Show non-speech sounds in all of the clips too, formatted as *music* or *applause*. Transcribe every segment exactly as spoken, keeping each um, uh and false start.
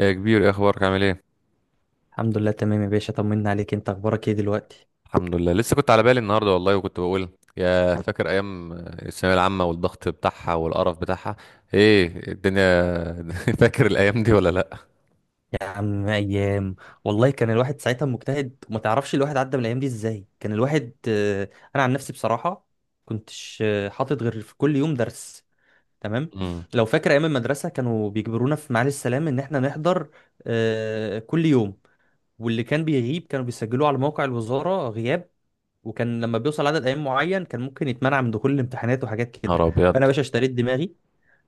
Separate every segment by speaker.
Speaker 1: يا كبير، ايه اخبارك؟ عامل ايه؟
Speaker 2: الحمد لله، تمام يا باشا، طمنا عليك. انت اخبارك ايه دلوقتي؟
Speaker 1: الحمد لله، لسه كنت على بالي النهارده والله، وكنت بقول يا *laughs* فاكر ايام الثانويه العامه والضغط بتاعها والقرف بتاعها. ايه الدنيا! *laughs* فاكر الايام دي ولا لا؟
Speaker 2: يا عم ايام، والله كان الواحد ساعتها مجتهد، وما تعرفش الواحد عدى من الايام دي ازاي. كان الواحد آه، انا عن نفسي بصراحة كنتش آه، حاطط غير في كل يوم درس. تمام.
Speaker 1: امم.
Speaker 2: لو فاكر ايام المدرسة، كانوا بيجبرونا في معالي السلام ان احنا نحضر آه، كل يوم. واللي كان بيغيب كانوا بيسجلوه على موقع الوزارة غياب، وكان لما بيوصل عدد ايام معين كان ممكن يتمنع من دخول الامتحانات وحاجات كده.
Speaker 1: نهار ابيض.
Speaker 2: فانا يا باشا اشتريت دماغي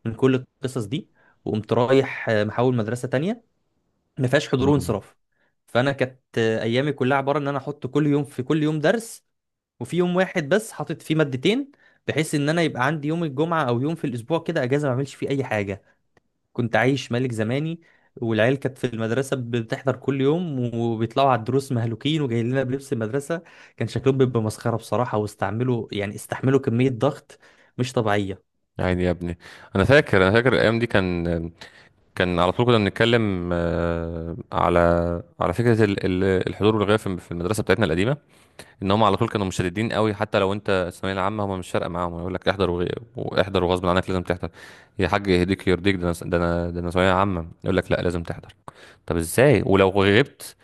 Speaker 2: من كل القصص دي، وقمت رايح آه، محاول مدرسه تانية ما فيهاش حضور
Speaker 1: امم.
Speaker 2: وانصراف. فانا كانت آه، ايامي كلها عباره ان انا احط كل يوم في كل يوم درس، وفي يوم واحد بس حاطط فيه مادتين، بحيث ان انا يبقى عندي يوم الجمعه او يوم في الاسبوع كده اجازه ما اعملش فيه اي حاجه. كنت عايش ملك زماني. والعيال كانت في المدرسه بتحضر كل يوم وبيطلعوا على الدروس مهلوكين وجايين لنا بلبس المدرسه، كان شكلهم بيبقى مسخره بصراحه، واستعملوا يعني استحملوا كميه ضغط مش طبيعيه.
Speaker 1: عيني يا ابني، انا فاكر انا فاكر الايام دي. كان كان على طول كنا بنتكلم آه، على على فكره ال- ال- الحضور والغياب في في المدرسه بتاعتنا القديمه. ان هم على طول كانوا مشددين قوي، حتى لو انت الثانويه العامه هم مش فارقه معاهم، يقول لك احضر وغي- واحضر، وغصب عنك لازم تحضر. يا حاج يهديك يرضيك، ده انا، ده انا، ده انا ثانويه عامه يقول لك لا لازم تحضر. طب ازاي؟ ولو غبت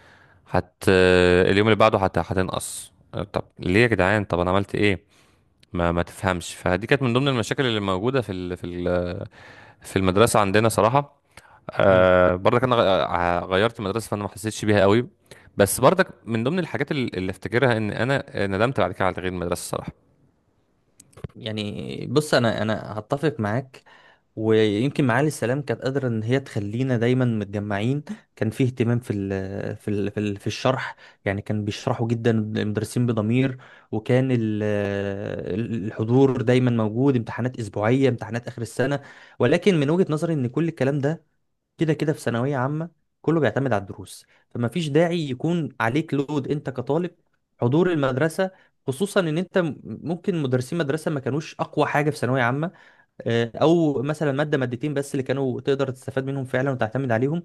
Speaker 1: هت اليوم اللي بعده هت... هتنقص. طب ليه يا جدعان؟ طب انا عملت ايه؟ ما ما تفهمش. فدي كانت من ضمن المشاكل اللي موجوده في ال... في ال... في المدرسه عندنا صراحه. آه برضك انا غ- آه، غيرت مدرسه فانا ما حسيتش بيها قوي. بس برضك من ضمن الحاجات اللي اللي افتكرها ان انا ندمت بعد كده على تغيير المدرسه الصراحه.
Speaker 2: يعني بص، انا انا هتفق معاك، ويمكن معالي السلام كانت قادره ان هي تخلينا دايما متجمعين. كان فيه اهتمام في ال في ال في, ال في الشرح، يعني كان بيشرحوا جدا المدرسين بضمير. وكان ال- الحضور دايما موجود، امتحانات اسبوعيه، امتحانات اخر السنه. ولكن من وجهه نظري ان كل الكلام ده كده كده في ثانوية عامة، كله بيعتمد على الدروس، فما فيش داعي يكون عليك لود انت كطالب حضور المدرسة، خصوصا ان انت م- ممكن مدرسين مدرسة ما كانوش اقوى حاجة في ثانوية عامة. آه، او مثلا مادة مادتين بس اللي كانوا تقدر تستفاد منهم فعلا وتعتمد عليهم.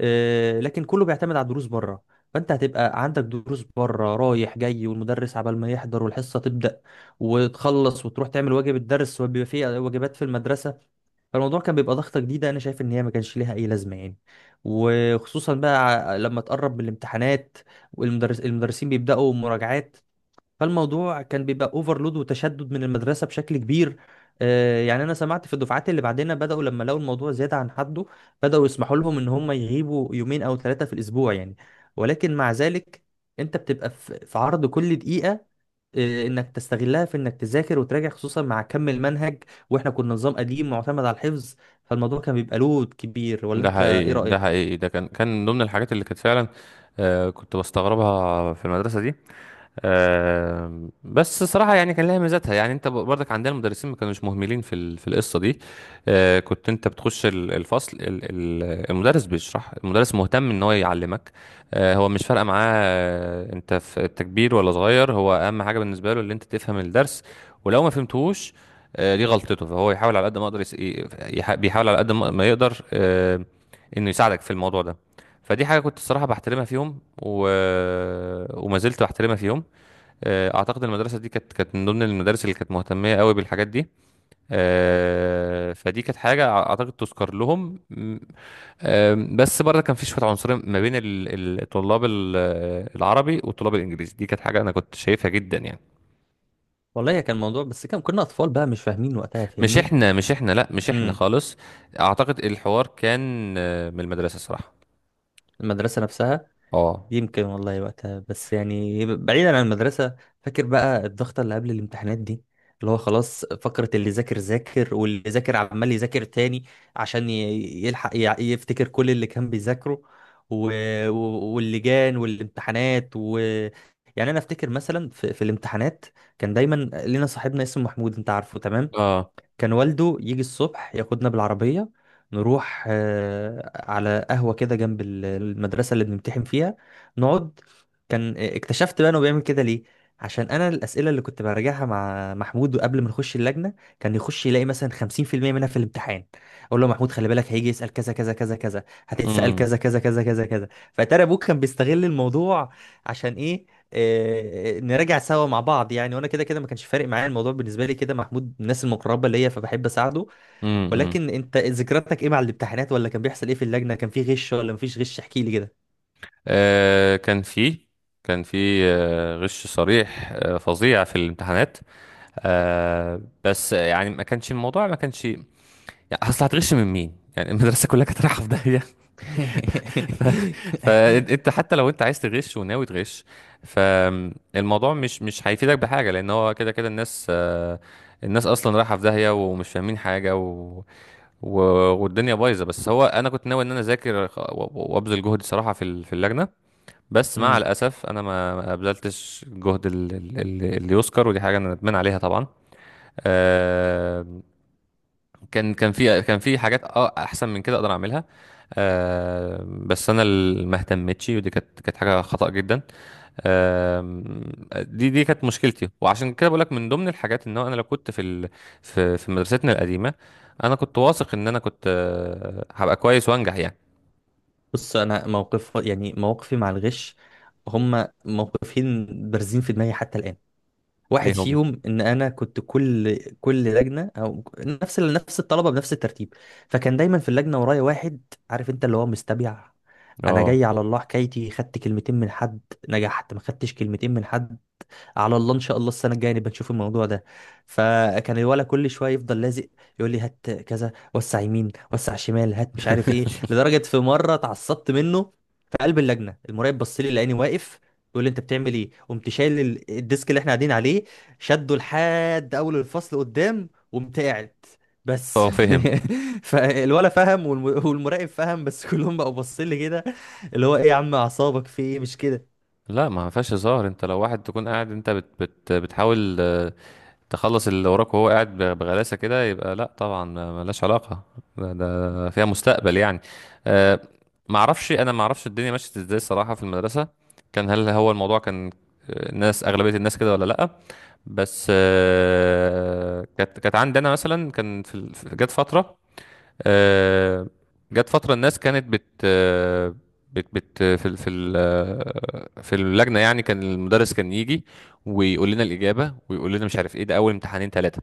Speaker 2: آه، لكن كله بيعتمد على الدروس بره، فانت هتبقى عندك دروس بره رايح جاي، والمدرس عبال ما يحضر والحصة تبدأ وتخلص وتروح تعمل واجب الدرس، وبيبقى فيه واجبات في المدرسة. فالموضوع كان بيبقى ضغطة جديدة، أنا شايف إن هي ما كانش ليها أي لازمة يعني. وخصوصا بقى ع- لما تقرب من الامتحانات، والمدرس المدرسين بيبدأوا مراجعات. فالموضوع كان بيبقى اوفرلود وتشدد من المدرسه بشكل كبير. آه، يعني انا سمعت في الدفعات اللي بعدنا بداوا لما لقوا الموضوع زياده عن حده، بداوا يسمحوا لهم ان هم يغيبوا يومين او ثلاثه في الاسبوع يعني. ولكن مع ذلك، انت بتبقى في في عرض كل دقيقه، آه، انك تستغلها في انك تذاكر وتراجع، خصوصا مع كم المنهج. واحنا كنا نظام قديم معتمد على الحفظ، فالموضوع كان بيبقى لود كبير. ولا
Speaker 1: ده
Speaker 2: انت ايه
Speaker 1: حقيقي. ده
Speaker 2: رايك؟
Speaker 1: حقيقي. ده كان كان من ضمن الحاجات اللي كانت فعلا آه كنت بستغربها في المدرسه دي. آم، بس صراحة يعني كان لها ميزاتها، يعني انت برضك عندنا المدرسين ما كانوش مهملين في ال- في القصة دي. آه، كنت انت بتخش ال- الفصل ال- ال- المدرس بيشرح، المدرس مهتم ان هو يعلمك. آه، هو مش فارقة معاه، آه، انت في التكبير ولا صغير، هو اهم حاجة بالنسبة له ان انت تفهم الدرس. ولو ما فهمتهوش، آه، دي غلطته، فهو يحاول على قد ما يقدر، يس- ي- يح- بيحاول على قد ما ما يقدر، آه، انه يساعدك في الموضوع ده. فدي حاجة كنت الصراحة بحترمها فيهم و... وما زلت بحترمها فيهم. آه، اعتقد المدرسه دي كانت كانت من ضمن المدارس اللي كانت مهتميه قوي بالحاجات دي. آه، فدي كانت حاجه اعتقد تذكر لهم م- آم، بس برضه كان في شويه عنصريه ما بين ال- ال- الطلاب ال- العربي والطلاب الانجليزي. دي كانت حاجه انا كنت شايفها جدا يعني.
Speaker 2: والله كان موضوع، بس كان كنا اطفال بقى مش فاهمين وقتها
Speaker 1: مش
Speaker 2: فاهمني.
Speaker 1: احنا مش احنا لا مش احنا
Speaker 2: امم.
Speaker 1: خالص. اعتقد الحوار كان آه، من المدرسه صراحه.
Speaker 2: المدرسه نفسها.
Speaker 1: اه.
Speaker 2: يمكن والله وقتها، بس يعني بعيدا عن المدرسة، فاكر بقى الضغطة اللي قبل الامتحانات دي؟ اللي هو خلاص فقرة اللي ذاكر ذاكر، واللي ذاكر عمال يذاكر تاني عشان ي- يلحق ي- يفتكر كل اللي كان بيذاكره. و... و- واللجان والامتحانات و يعني انا افتكر مثلا في, في الامتحانات كان دايما لينا صاحبنا اسمه محمود، انت عارفه تمام.
Speaker 1: اه.
Speaker 2: كان والده يجي الصبح ياخدنا بالعربية، نروح آه، على قهوة كده جنب ال- المدرسة اللي بنمتحن فيها نقعد. كان آه، اكتشفت بقى انه بيعمل كده ليه، عشان انا الاسئله اللي كنت براجعها مع محمود قبل ما نخش اللجنه كان يخش يلاقي مثلا خمسين في المية منها في الامتحان. اقول له يا محمود خلي بالك هيجي يسال كذا كذا كذا كذا، هتتسال
Speaker 1: امم.
Speaker 2: كذا كذا كذا كذا كذا. فترى ابوك كان بيستغل الموضوع عشان ايه؟ آه، آه، نراجع سوا مع بعض يعني، وانا كده كده ما كانش فارق معايا الموضوع، بالنسبه لي كده محمود من الناس المقربه ليا فبحب اساعده.
Speaker 1: امم.
Speaker 2: ولكن انت ذكرياتك ايه مع الامتحانات؟ ولا كان بيحصل ايه في اللجنه، كان في غش ولا مفيش غش؟ احكي لي كده.
Speaker 1: آه، كان في كان في آه، غش صريح آه، فظيع في الامتحانات. آه بس يعني ما كانش الموضوع ما كانش يعني. اصل هتغش من مين يعني؟ المدرسه كلها كانت رايحه في داهيه. *laughs* ف...
Speaker 2: *laughs*
Speaker 1: فانت حتى لو انت عايز تغش وناوي تغش، فالموضوع مش مش هيفيدك بحاجه، لان هو كده كده الناس آه الناس اصلا رايحه في داهيه ومش فاهمين حاجه و... و... والدنيا بايظه. بس هو انا كنت ناوي ان انا اذاكر خ- و- و- وابذل جهد صراحه في ال- في اللجنه. بس مع
Speaker 2: امم.
Speaker 1: الاسف انا ما ما ابذلتش جهد ال- ال- ال- اللي يذكر. ودي حاجه انا ندمان عليها طبعا. آه، كان كان في كان في حاجات اه احسن من كده اقدر اعملها. آه بس انا اللي ما اهتمتش. ودي كانت كانت حاجه خطأ جدا. آه دي دي كانت مشكلتي. وعشان كده بقول لك من ضمن الحاجات ان هو انا لو كنت في ال في في مدرستنا القديمه، انا كنت واثق ان انا كنت آه هبقى كويس وانجح يعني.
Speaker 2: بص، انا موقف يعني مواقفي مع الغش، هم موقفين بارزين في دماغي حتى الان. واحد
Speaker 1: ليه هم؟
Speaker 2: فيهم ان انا كنت كل كل لجنه، او نفس ال- نفس الطلبه بنفس الترتيب، فكان دايما في اللجنه ورايا واحد عارف انت اللي هو مستبيع. انا
Speaker 1: اه.
Speaker 2: جاي على الله حكايتي، خدت كلمتين من حد نجحت، ما خدتش كلمتين من حد، على الله ان شاء الله السنه الجايه نبقى نشوف الموضوع ده. فكان الولد كل شويه يفضل لازق يقول لي هات كذا، وسع يمين، وسع شمال، هات مش عارف ايه،
Speaker 1: *laughs*
Speaker 2: لدرجه في مره اتعصبت منه. في قلب اللجنه المراقب بص لي لقاني واقف، بيقول لي انت بتعمل ايه؟ قمت شايل ال- الديسك اللي احنا قاعدين عليه، شده لحد اول الفصل قدام وقمت قاعد. بس
Speaker 1: اه، فهم.
Speaker 2: *laughs* فالولا فهم والم- والمراقب فهم، بس كلهم بقوا باصين لي كده، اللي هو ايه يا عم اعصابك في ايه مش كده؟
Speaker 1: لا ما فيهاش هزار. انت لو واحد تكون قاعد، انت بت بت بتحاول آه، تخلص اللي وراك، وهو قاعد ب- بغلاسة كده، يبقى لا طبعا، ما- ملهاش علاقة. ده, ده فيها مستقبل يعني. أه. معرفش انا معرفش الدنيا مشيت ازاي الصراحة في المدرسة. كان هل هو الموضوع كان. آه، الناس أغلبية الناس كده ولا لأ؟ بس أه كانت كانت عندي أنا مثلا كان في ال- في- جت فترة، آه، جت فترة الناس كانت بت آه، بت بت في ال- في ال- آه، في اللجنة، يعني كان المدرس كان يجي، ويقول لنا الإجابة، ويقول لنا مش عارف إيه، ده أول امتحانين ثلاثة.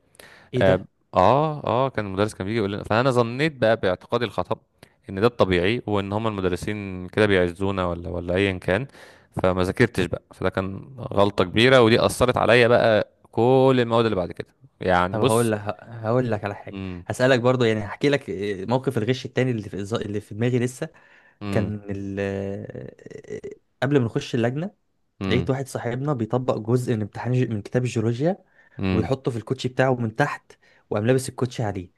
Speaker 2: ايه
Speaker 1: اه.
Speaker 2: ده؟
Speaker 1: اه. آه، كان المدرس كان بيجي يقول لنا، فأنا ظنيت بقى باعتقادي الخطأ إن ده الطبيعي، وإن هما المدرسين كده بيعزونا، ولا ولا أيا كان. فما ذاكرتش بقى. فده كان غلطة كبيرة، ودي أثرت عليا بقى كل المواد اللي بعد كده. يعني
Speaker 2: طب هقول
Speaker 1: بص.
Speaker 2: لك هقول لك على حاجه،
Speaker 1: امم.
Speaker 2: هسالك برضو يعني، هحكي لك آه، موقف الغش التاني اللي في اللي في دماغي لسه.
Speaker 1: امم.
Speaker 2: كان ال... آه، قبل ما نخش اللجنه لقيت واحد صاحبنا بيطبق جزء من امتحان ج- من كتاب الجيولوجيا
Speaker 1: امم.
Speaker 2: ويحطه في الكوتشي بتاعه من تحت، وقام لابس الكوتشي عليه.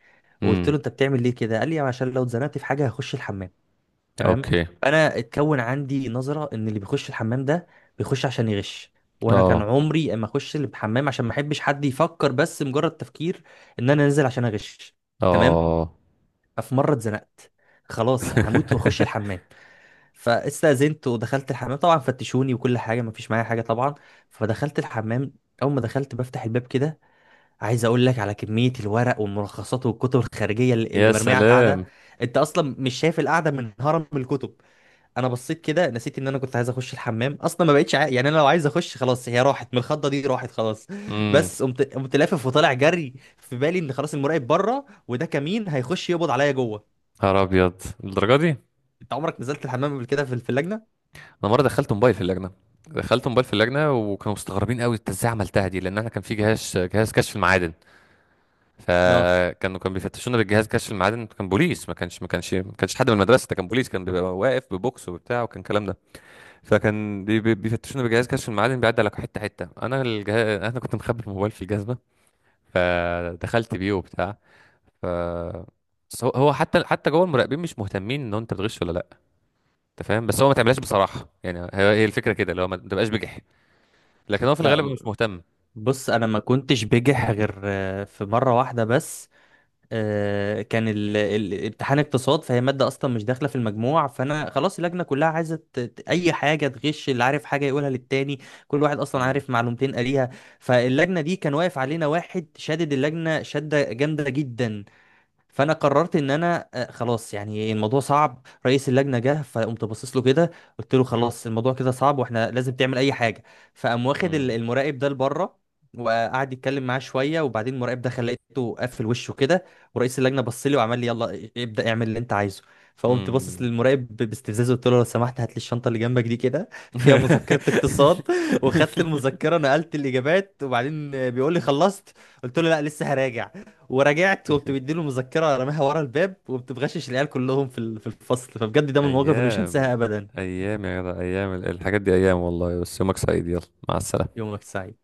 Speaker 2: وقلت
Speaker 1: امم.
Speaker 2: له انت بتعمل ليه كده؟ قال لي عشان لو اتزنقت في حاجه هخش الحمام. تمام.
Speaker 1: اوكي.
Speaker 2: فانا اتكون عندي نظره ان اللي بيخش الحمام ده بيخش عشان يغش، وانا كان
Speaker 1: اه.
Speaker 2: عمري اما اخش الحمام عشان ما احبش حد يفكر بس مجرد تفكير ان انا نازل عشان اغش. تمام.
Speaker 1: اه.
Speaker 2: ففي مره اتزنقت، خلاص هموت واخش الحمام، فاستاذنت ودخلت الحمام. طبعا فتشوني وكل حاجه ما فيش معايا حاجه طبعا. فدخلت الحمام، اول ما دخلت بفتح الباب كده، عايز اقول لك على كميه الورق والملخصات والكتب الخارجيه اللي اللي
Speaker 1: يا
Speaker 2: مرميه على القعده.
Speaker 1: سلام.
Speaker 2: انت اصلا مش شايف القعده من هرم الكتب. انا بصيت كده نسيت ان انا كنت عايز اخش الحمام اصلا، ما بقتش عا... يعني انا لو عايز اخش خلاص، هي راحت من الخضه دي، راحت خلاص.
Speaker 1: امم.
Speaker 2: بس قمت قمت لافف وطالع جري في بالي ان خلاص المراقب بره وده كمين هيخش يقبض عليا جوه.
Speaker 1: نهار ابيض للدرجه دي؟
Speaker 2: انت عمرك نزلت الحمام قبل كده في في اللجنه؟
Speaker 1: انا مره دخلت موبايل في اللجنه، دخلت موبايل في اللجنه، وكانوا مستغربين قوي انت ازاي عملتها دي. لان احنا كان في جهاز جهاز كشف المعادن.
Speaker 2: لا
Speaker 1: فكانوا كانوا بيفتشونا بالجهاز كشف المعادن. كان بوليس، ما كانش ما كانش ما كانش حد من المدرسه. ده كان بوليس كان بيبقى واقف ببوكس وبتاع، وكان الكلام ده. فكان بي- بي- بيفتشونا بجهاز كشف المعادن بيعدي على حته حته. انا الجهاز انا كنت مخبي الموبايل في الجزمه. فدخلت بيه وبتاع. ف بس هو هو حتى حتى جوه المراقبين مش مهتمين ان انت بتغش ولا لا. انت فاهم. بس هو ما تعملهاش بصراحه، يعني هي هي الفكره كده اللي هو ما تبقاش بجح. لكن هو في
Speaker 2: لا،
Speaker 1: الغالب مش
Speaker 2: ب-
Speaker 1: مهتم.
Speaker 2: بص انا ما كنتش بجح غير آه، في مره واحده بس. آه، كان ال- ال- امتحان اقتصاد، فهي مادة أصلا مش داخلة في المجموع، فأنا خلاص اللجنة كلها عايزة ت- ت- أي حاجة تغش، اللي عارف حاجة يقولها للتاني. كل واحد أصلا
Speaker 1: مم.
Speaker 2: عارف معلومتين قاليها. فاللجنة دي كان واقف علينا واحد شادد اللجنة شدة جامدة جدا، فانا قررت ان انا آه، خلاص يعني الموضوع صعب. رئيس اللجنه جه فقمت باصص له كده، قلت له خلاص الموضوع كده صعب واحنا لازم تعمل اي حاجه. فقام واخد ال-
Speaker 1: مم.
Speaker 2: المراقب ده لبره وقعد يتكلم معاه شويه، وبعدين المراقب ده خليته قفل وشه كده. ورئيس اللجنه بص لي وعمل لي يلا ابدا اعمل اللي انت عايزه. فقمت باصص
Speaker 1: مم.
Speaker 2: للمراقب ب- باستفزاز، قلت له لو سمحت هات لي الشنطه اللي جنبك دي كده، فيها مذكره اقتصاد. *laughs* وخدت
Speaker 1: *laughs*
Speaker 2: المذكره نقلت الاجابات، وبعدين بيقول لي خلصت؟ قلت له لا لسه هراجع. ورجعت وقمت مديله مذكره رماها ورا الباب، وقمت مغشش العيال كلهم في ال- في الفصل. فبجد ده من المواقف اللي مش
Speaker 1: ايام.
Speaker 2: هنساها ابدا.
Speaker 1: ايام يا جدع، ايام الحاجات دي، ايام والله. بس يومك سعيد، يلا، مع السلامه.
Speaker 2: يومك سعيد.